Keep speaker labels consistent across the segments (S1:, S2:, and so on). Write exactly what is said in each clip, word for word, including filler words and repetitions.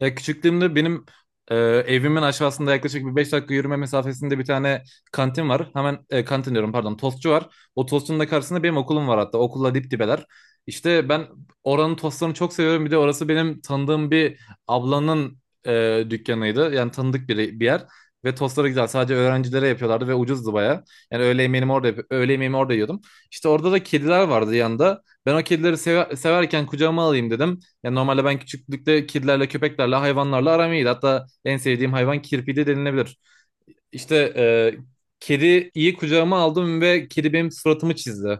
S1: Ya küçüklüğümde benim e, evimin aşağısında yaklaşık bir beş dakika yürüme mesafesinde bir tane kantin var. Hemen e, kantin diyorum, pardon, tostçu var. O tostçunun da karşısında benim okulum var hatta. Okulla dip dibeler. İşte ben oranın tostlarını çok seviyorum. Bir de orası benim tanıdığım bir ablanın e, dükkanıydı. Yani tanıdık bir, bir yer. Ve tostları güzel. Sadece öğrencilere yapıyorlardı ve ucuzdu baya. Yani öğle yemeğimi orada, yap- öğle yemeğimi orada yiyordum. İşte orada da kediler vardı yanında. Ben o kedileri seve- severken kucağıma alayım dedim. Yani normalde ben küçüklükte kedilerle, köpeklerle, hayvanlarla aram iyiydi. Hatta en sevdiğim hayvan kirpiydi denilebilir. İşte e, kedi iyi, kucağıma aldım ve kedi benim suratımı çizdi,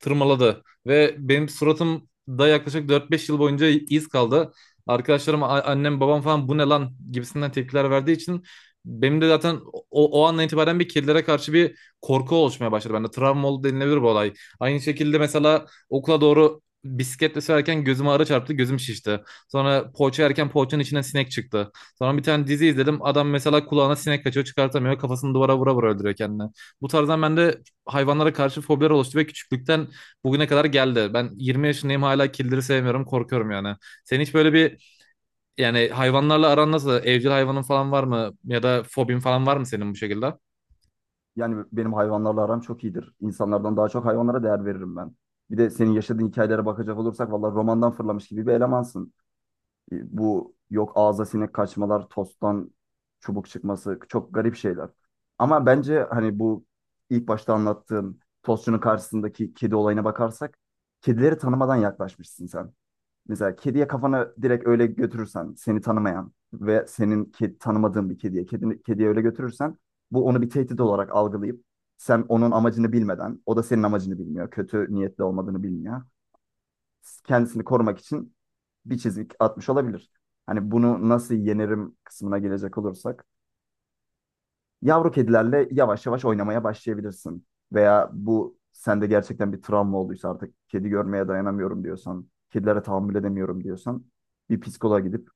S1: tırmaladı. Ve benim suratımda yaklaşık dört beş yıl boyunca iz kaldı. Arkadaşlarım, a- annem, babam falan bu ne lan gibisinden tepkiler verdiği için benim de zaten o, o andan itibaren bir kedilere karşı bir korku oluşmaya başladı bende. Travma oldu denilebilir bu olay. Aynı şekilde mesela okula doğru bisikletle sürerken gözüme arı çarptı, gözüm şişti. Sonra poğaça yerken poğaçanın içinden sinek çıktı. Sonra bir tane dizi izledim. Adam mesela kulağına sinek kaçıyor, çıkartamıyor. Kafasını duvara vura vura öldürüyor kendini. Bu tarzdan bende hayvanlara karşı fobiler oluştu ve küçüklükten bugüne kadar geldi. Ben yirmi yaşındayım, hala kildiri sevmiyorum, korkuyorum yani. Senin hiç böyle bir, yani hayvanlarla aran nasıl? Evcil hayvanın falan var mı? Ya da fobin falan var mı senin bu şekilde?
S2: Yani benim hayvanlarla aram çok iyidir. İnsanlardan daha çok hayvanlara değer veririm ben. Bir de senin yaşadığın hikayelere bakacak olursak vallahi romandan fırlamış gibi bir elemansın. E, Bu yok ağza sinek kaçmalar, tosttan çubuk çıkması çok garip şeyler. Ama bence hani bu ilk başta anlattığım tostçunun karşısındaki kedi olayına bakarsak kedileri tanımadan yaklaşmışsın sen. Mesela kediye kafana direkt öyle götürürsen seni tanımayan ve senin ke- tanımadığın bir kediye kedi kediye öyle götürürsen bu onu bir tehdit olarak algılayıp sen onun amacını bilmeden o da senin amacını bilmiyor. Kötü niyetli olmadığını bilmiyor. Kendisini korumak için bir çizik atmış olabilir. Hani bunu nasıl yenerim kısmına gelecek olursak yavru kedilerle yavaş yavaş oynamaya başlayabilirsin. Veya bu sende gerçekten bir travma olduysa artık kedi görmeye dayanamıyorum diyorsan, kedilere tahammül edemiyorum diyorsan bir psikoloğa gidip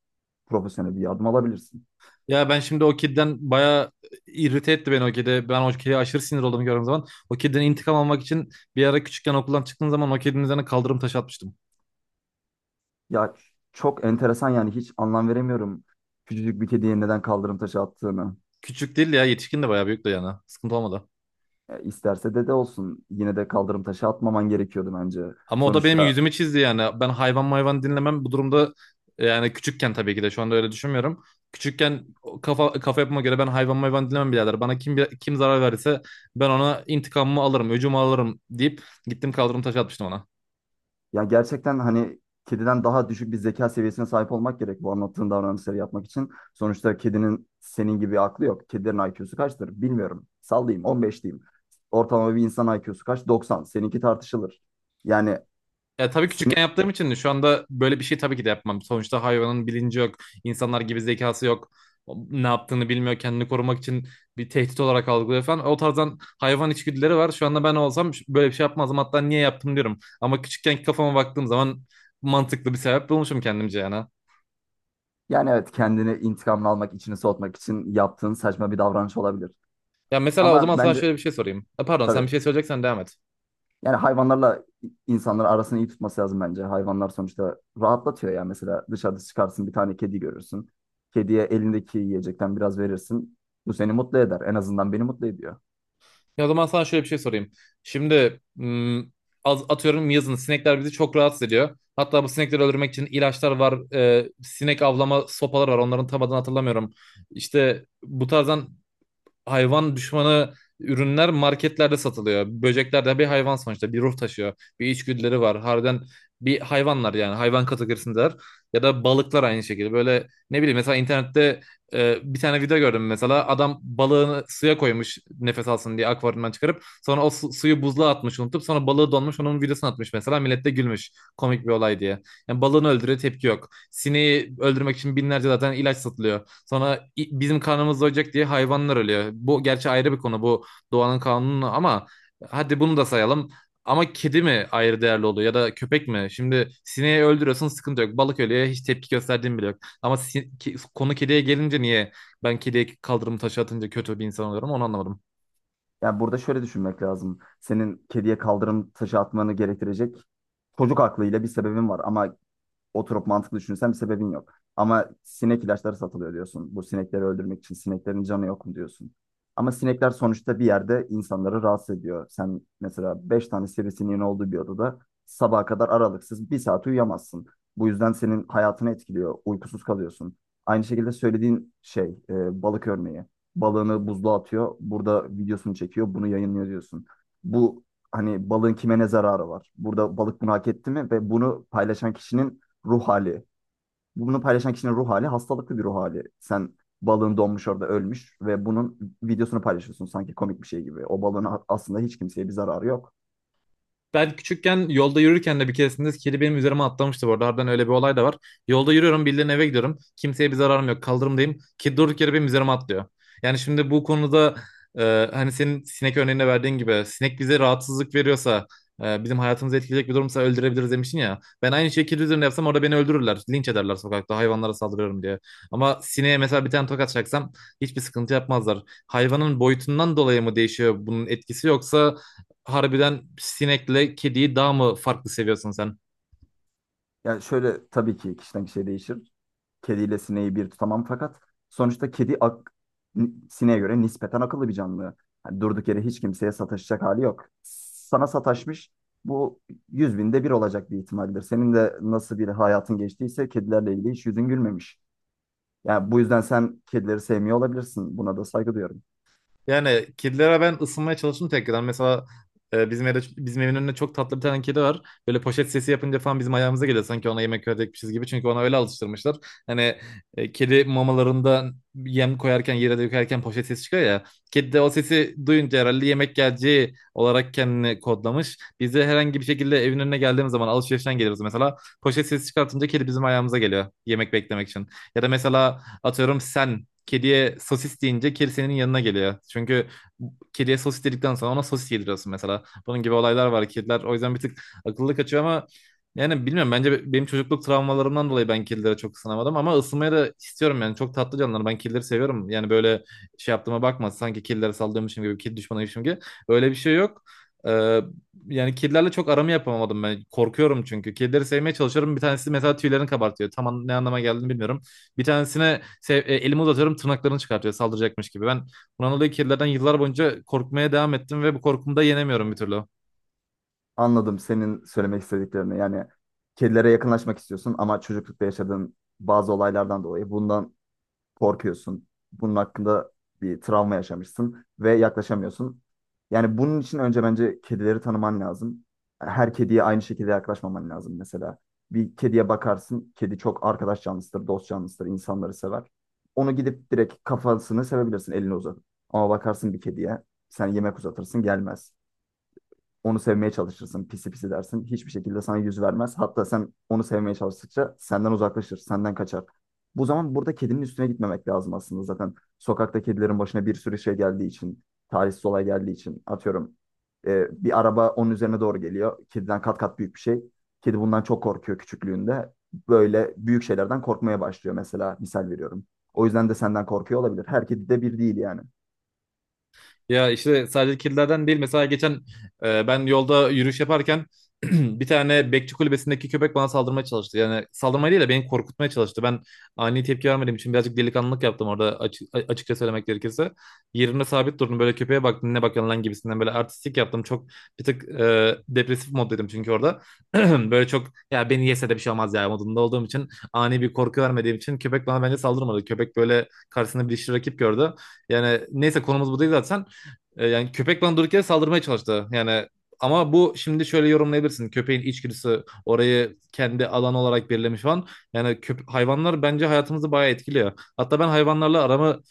S2: profesyonel bir yardım alabilirsin.
S1: Ya ben şimdi o kediden baya irrite etti beni o kedi. Ben o kediye aşırı sinir olduğumu gördüğüm zaman. O kediden intikam almak için bir ara küçükken okuldan çıktığım zaman o kedinin üzerine kaldırım taşı atmıştım.
S2: Ya çok enteresan, yani hiç anlam veremiyorum küçücük bir kediye neden kaldırım taşı attığını.
S1: Küçük değil ya, yetişkin de bayağı büyük de yani. Sıkıntı olmadı.
S2: E, isterse dede olsun yine de kaldırım taşı atmaman gerekiyordu bence.
S1: Ama o da benim
S2: Sonuçta
S1: yüzümü çizdi yani. Ben hayvan mayvan dinlemem. Bu durumda yani küçükken, tabii ki de şu anda öyle düşünmüyorum. Küçükken o kafa kafa yapıma göre ben hayvan mayvan dinlemem birader. Bana kim, kim zarar verirse ben ona intikamımı alırım, öcümü alırım deyip gittim, kaldırım taşı atmıştım ona.
S2: Ya gerçekten hani kediden daha düşük bir zeka seviyesine sahip olmak gerek bu anlattığın davranışları yapmak için. Sonuçta kedinin senin gibi aklı yok. Kedilerin I Q'su kaçtır? Bilmiyorum. Sallayayım on beş diyeyim. Ortalama bir insan I Q'su kaç? doksan. Seninki tartışılır. Yani
S1: Ya tabii
S2: seni
S1: küçükken yaptığım için şu anda böyle bir şey tabii ki de yapmam. Sonuçta hayvanın bilinci yok. İnsanlar gibi zekası yok. O ne yaptığını bilmiyor. Kendini korumak için bir tehdit olarak algılıyor falan. O tarzdan hayvan içgüdüleri var. Şu anda ben olsam ş- böyle bir şey yapmazdım. Hatta niye yaptım diyorum. Ama küçükkenki kafama baktığım zaman mantıklı bir sebep bulmuşum kendimce yani.
S2: yani evet, kendini intikamını almak, içini soğutmak için yaptığın saçma bir davranış olabilir.
S1: Ya mesela o zaman
S2: Ama
S1: sana
S2: bence
S1: şöyle bir şey sorayım. Ha, pardon, sen
S2: tabii
S1: bir şey söyleyeceksen devam et.
S2: Yani hayvanlarla insanlar arasını iyi tutması lazım bence. Hayvanlar sonuçta rahatlatıyor ya. Mesela dışarıda çıkarsın, bir tane kedi görürsün. Kediye elindeki yiyecekten biraz verirsin. Bu seni mutlu eder. En azından beni mutlu ediyor.
S1: Ya o zaman sana şöyle bir şey sorayım. Şimdi m, az atıyorum, yazın sinekler bizi çok rahatsız ediyor. Hatta bu sinekleri öldürmek için ilaçlar var. E, sinek avlama sopalar var. Onların tam adını hatırlamıyorum. İşte bu tarzdan hayvan düşmanı ürünler marketlerde satılıyor. Böcekler de bir hayvan sonuçta. Bir ruh taşıyor. Bir içgüdüleri var. Harbiden bir hayvanlar yani. Hayvan kategorisindeler. Ya da balıklar aynı şekilde. Böyle ne bileyim, mesela internette e, bir tane video gördüm mesela. Adam balığını suya koymuş nefes alsın diye akvaryumdan çıkarıp. Sonra o su- suyu buzluğa atmış unutup. Sonra balığı donmuş, onun videosunu atmış mesela. Millet de gülmüş. Komik bir olay diye. Yani balığını öldürüyor, tepki yok. Sineği öldürmek için binlerce zaten ilaç satılıyor. Sonra i- bizim karnımız doyacak diye hayvanlar ölüyor. Bu gerçi ayrı bir konu, bu doğanın kanunu, ama hadi bunu da sayalım. Ama kedi mi ayrı değerli oluyor ya da köpek mi? Şimdi sineği öldürüyorsun, sıkıntı yok. Balık ölüyor, hiç tepki gösterdiğin bile yok. Ama si- ki- konu kediye gelince niye ben kediye kaldırımı taşı atınca kötü bir insan oluyorum onu anlamadım.
S2: Yani burada şöyle düşünmek lazım. Senin kediye kaldırım taşı atmanı gerektirecek çocuk aklıyla bir sebebin var. Ama oturup mantıklı düşünsen bir sebebin yok. Ama sinek ilaçları satılıyor diyorsun. Bu sinekleri öldürmek için sineklerin canı yok mu diyorsun. Ama sinekler sonuçta bir yerde insanları rahatsız ediyor. Sen mesela beş tane sivrisineğin olduğu bir odada sabaha kadar aralıksız bir saat uyuyamazsın. Bu yüzden senin hayatını etkiliyor. Uykusuz kalıyorsun. Aynı şekilde söylediğin şey, e, balık örneği. Balığını buzluğa atıyor. Burada videosunu çekiyor. Bunu yayınlıyor diyorsun. Bu, hani balığın kime ne zararı var? Burada balık bunu hak etti mi? Ve bunu paylaşan kişinin ruh hali. Bunu paylaşan kişinin ruh hali hastalıklı bir ruh hali. Sen balığın donmuş, orada ölmüş ve bunun videosunu paylaşıyorsun sanki komik bir şey gibi. O balığın a- aslında hiç kimseye bir zararı yok.
S1: Ben küçükken yolda yürürken de bir keresinde kedi benim üzerime atlamıştı bu arada. Harbiden öyle bir olay da var. Yolda yürüyorum, birilerinin eve gidiyorum. Kimseye bir zararım yok. Kaldırımdayım. Kedi durduk yere benim üzerime atlıyor. Yani şimdi bu konuda, e, hani senin sinek örneğinde verdiğin gibi sinek bize rahatsızlık veriyorsa, e, bizim hayatımızı etkileyecek bir durumsa öldürebiliriz demiştin ya. Ben aynı şeyi kedi üzerine yapsam orada beni öldürürler. Linç ederler, sokakta hayvanlara saldırıyorum diye. Ama sineğe mesela bir tane tokat çaksam hiçbir sıkıntı yapmazlar. Hayvanın boyutundan dolayı mı değişiyor bunun etkisi, yoksa harbiden sinekle kediyi daha mı farklı seviyorsun sen?
S2: Yani şöyle, tabii ki kişiden kişiye değişir. Kediyle sineği bir tutamam fakat sonuçta kedi ak ni- sineğe göre nispeten akıllı bir canlı. Yani durduk yere hiç kimseye sataşacak hali yok. Sana sataşmış, bu yüz binde bir olacak bir ihtimaldir. Senin de nasıl bir hayatın geçtiyse kedilerle ilgili hiç yüzün gülmemiş. Yani bu yüzden sen kedileri sevmiyor olabilirsin. Buna da saygı duyuyorum.
S1: Yani kedilere ben ısınmaya çalıştım tekrardan. Mesela e, bizim evde, bizim evin önünde çok tatlı bir tane kedi var. Böyle poşet sesi yapınca falan bizim ayağımıza geliyor. Sanki ona yemek verecekmişiz gibi. Çünkü ona öyle alıştırmışlar. Hani e, kedi mamalarında yem koyarken, yere de dökerken poşet sesi çıkıyor ya. Kedi de o sesi duyunca herhalde yemek geleceği olarak kendini kodlamış. Biz de herhangi bir şekilde evin önüne geldiğimiz zaman alışverişten geliyoruz mesela. Poşet sesi çıkartınca kedi bizim ayağımıza geliyor yemek beklemek için. Ya da mesela atıyorum, sen kediye sosis deyince kedi senin yanına geliyor. Çünkü kediye sosis dedikten sonra ona sosis yediriyorsun mesela. Bunun gibi olaylar var kediler. O yüzden bir tık akıllı kaçıyor ama yani bilmiyorum, bence be- benim çocukluk travmalarımdan dolayı ben kedilere çok ısınamadım ama ısınmayı da istiyorum yani, çok tatlı canlılar, ben kedileri seviyorum yani. Böyle şey yaptığıma bakma, sanki kedilere saldırmışım gibi, kedi düşmanıymışım gibi, öyle bir şey yok. Ee, Yani kedilerle çok aramı yapamadım ben. Korkuyorum çünkü. Kedileri sevmeye çalışıyorum. Bir tanesi mesela tüylerini kabartıyor. Tam an- ne anlama geldiğini bilmiyorum. Bir tanesine se- e, elimi uzatıyorum, tırnaklarını çıkartıyor saldıracakmış gibi. Ben bundan dolayı kedilerden yıllar boyunca korkmaya devam ettim ve bu korkumu da yenemiyorum bir türlü.
S2: Anladım senin söylemek istediklerini. Yani kedilere yakınlaşmak istiyorsun ama çocuklukta yaşadığın bazı olaylardan dolayı bundan korkuyorsun. Bunun hakkında bir travma yaşamışsın ve yaklaşamıyorsun. Yani bunun için önce bence kedileri tanıman lazım. Her kediye aynı şekilde yaklaşmaman lazım mesela. Bir kediye bakarsın, kedi çok arkadaş canlısıdır, dost canlısıdır, insanları sever. Onu gidip direkt kafasını sevebilirsin elini uzatıp. Ama bakarsın bir kediye, sen yemek uzatırsın gelmez, onu sevmeye çalışırsın. Pisi pisi dersin. Hiçbir şekilde sana yüz vermez. Hatta sen onu sevmeye çalıştıkça senden uzaklaşır, senden kaçar. Bu zaman burada kedinin üstüne gitmemek lazım aslında zaten. Sokakta kedilerin başına bir sürü şey geldiği için, talihsiz olay geldiği için atıyorum. e, bir araba onun üzerine doğru geliyor. Kediden kat kat büyük bir şey. Kedi bundan çok korkuyor küçüklüğünde. Böyle büyük şeylerden korkmaya başlıyor mesela, misal veriyorum. O yüzden de senden korkuyor olabilir. Her kedi de bir değil yani.
S1: Ya işte sadece kirlilerden değil. Mesela geçen e, ben yolda yürüyüş yaparken bir tane bekçi kulübesindeki köpek bana saldırmaya çalıştı. Yani saldırmaya değil de beni korkutmaya çalıştı. Ben ani tepki vermediğim için birazcık delikanlılık yaptım orada açık, açıkça söylemek gerekirse. Yerine sabit durdum, böyle köpeğe baktım, ne bakıyorsun lan gibisinden böyle artistik yaptım. Çok bir tık e, depresif moddaydım çünkü orada. Böyle çok ya, beni yese de bir şey olmaz ya modunda olduğum için, ani bir korku vermediğim için köpek bana bence saldırmadı. Köpek böyle karşısında bir dişli rakip gördü. Yani neyse, konumuz bu değil zaten. E, yani köpek bana durduk yere saldırmaya çalıştı. Yani ama bu şimdi şöyle yorumlayabilirsin. Köpeğin içgüdüsü orayı kendi alan olarak belirlemiş falan. Yani köp- hayvanlar bence hayatımızı bayağı etkiliyor. Hatta ben hayvanlarla aramı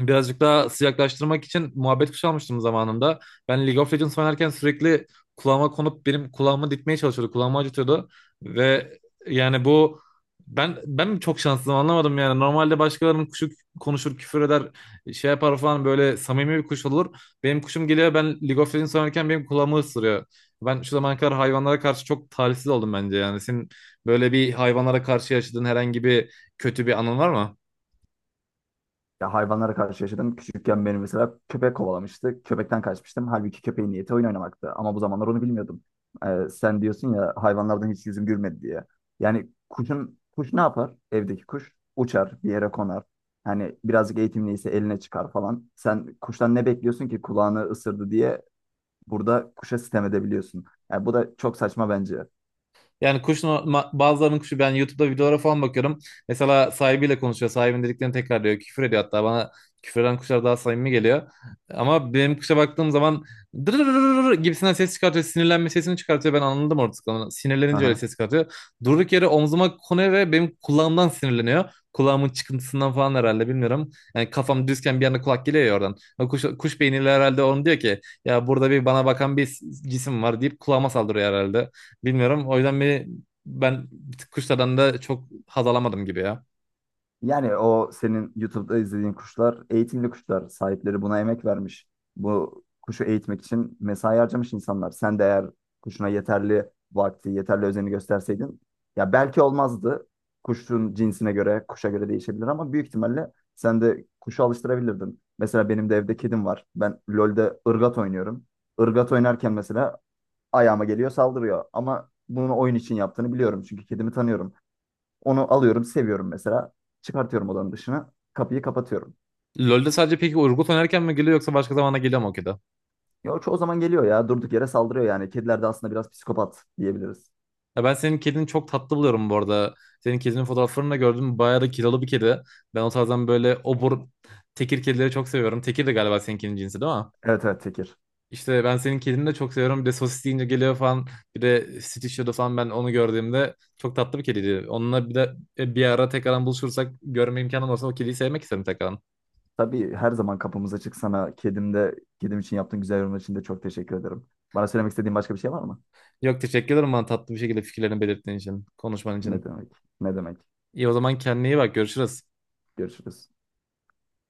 S1: birazcık daha sıcaklaştırmak için muhabbet kuşu almıştım zamanında. Ben League of Legends oynarken sürekli kulağıma konup benim kulağımı dikmeye çalışıyordu. Kulağımı acıtıyordu. Ve yani bu, ben ben mi çok şanslıyım anlamadım yani. Normalde başkalarının kuşu konuşur, küfür eder, şey yapar falan, böyle samimi bir kuş olur. Benim kuşum geliyor, ben League of Legends oynarken benim kulağımı ısırıyor. Ben şu zamana kadar hayvanlara karşı çok talihsiz oldum bence yani. Senin böyle bir, hayvanlara karşı yaşadığın herhangi bir kötü bir anın var mı?
S2: Ya hayvanlara karşı yaşadım. Küçükken beni mesela köpek kovalamıştı. Köpekten kaçmıştım. Halbuki köpeğin niyeti oyun oynamaktı. Ama bu zamanlar onu bilmiyordum. Ee, sen diyorsun ya hayvanlardan hiç yüzüm gülmedi diye. Yani kuşun, kuş ne yapar? Evdeki kuş uçar, bir yere konar. Hani birazcık eğitimliyse eline çıkar falan. Sen kuştan ne bekliyorsun ki kulağını ısırdı diye burada kuşa sitem edebiliyorsun. Yani bu da çok saçma bence.
S1: Yani kuşun ma- bazılarının kuşu, ben YouTube'da videolara falan bakıyorum. Mesela sahibiyle konuşuyor. Sahibinin dediklerini tekrar diyor. Küfür ediyor hatta, bana küfreden kuşlar daha samimi geliyor. Ama benim kuşa baktığım zaman dırırırır gibisinden ses çıkartıyor. Sinirlenme sesini çıkartıyor. Ben anladım artık onu. Sinirlenince öyle ses çıkartıyor. Durduk yere omzuma konuyor ve benim kulağımdan sinirleniyor. Kulağımın çıkıntısından falan herhalde, bilmiyorum. Yani kafam düzken bir anda kulak geliyor ya oradan. O kuş, kuş beyniyle herhalde onu diyor ki, ya burada bir, bana bakan bir cisim var deyip kulağıma saldırıyor herhalde. Bilmiyorum. O yüzden beni, ben bir tık kuşlardan da çok haz alamadım gibi ya.
S2: Yani o senin YouTube'da izlediğin kuşlar eğitimli kuşlar. Sahipleri buna emek vermiş. Bu kuşu eğitmek için mesai harcamış insanlar. Sen de eğer kuşuna yeterli vakti, yeterli özeni gösterseydin ya belki olmazdı. Kuşun cinsine göre, kuşa göre değişebilir ama büyük ihtimalle sen de kuşu alıştırabilirdin. Mesela benim de evde kedim var. Ben LoL'de ırgat oynuyorum. Irgat oynarken mesela ayağıma geliyor, saldırıyor. Ama bunu oyun için yaptığını biliyorum çünkü kedimi tanıyorum. Onu alıyorum, seviyorum mesela. Çıkartıyorum odanın dışına. Kapıyı kapatıyorum.
S1: LoL'de sadece peki Urgot oynarken mi geliyor yoksa başka zamana geliyor mu o kedi?
S2: Ya o çoğu zaman geliyor ya. Durduk yere saldırıyor yani. Kediler de aslında biraz psikopat diyebiliriz.
S1: Ya ben senin kedini çok tatlı buluyorum bu arada. Senin kedinin fotoğraflarını da gördüm. Bayağı da kilolu bir kedi. Ben o tarzdan böyle obur tekir kedileri çok seviyorum. Tekir de galiba senin kedinin cinsi değil mi?
S2: Evet, evet, Tekir.
S1: İşte ben senin kedini de çok seviyorum. Bir de sosis deyince geliyor falan. Bir de Stitcher'da falan ben onu gördüğümde çok tatlı bir kediydi. Onunla bir de e, bir ara tekrardan buluşursak, görme imkanım olsa o kediyi sevmek isterim tekrardan.
S2: Tabii her zaman kapımız açık sana. Kedim de, kedim için yaptığın güzel yorumlar için de çok teşekkür ederim. Bana söylemek istediğin başka bir şey var mı?
S1: Yok, teşekkür ederim bana tatlı bir şekilde fikirlerini belirttiğin için, konuşman
S2: Ne
S1: için.
S2: demek? Ne demek?
S1: İyi, o zaman kendine iyi bak, görüşürüz.
S2: Görüşürüz.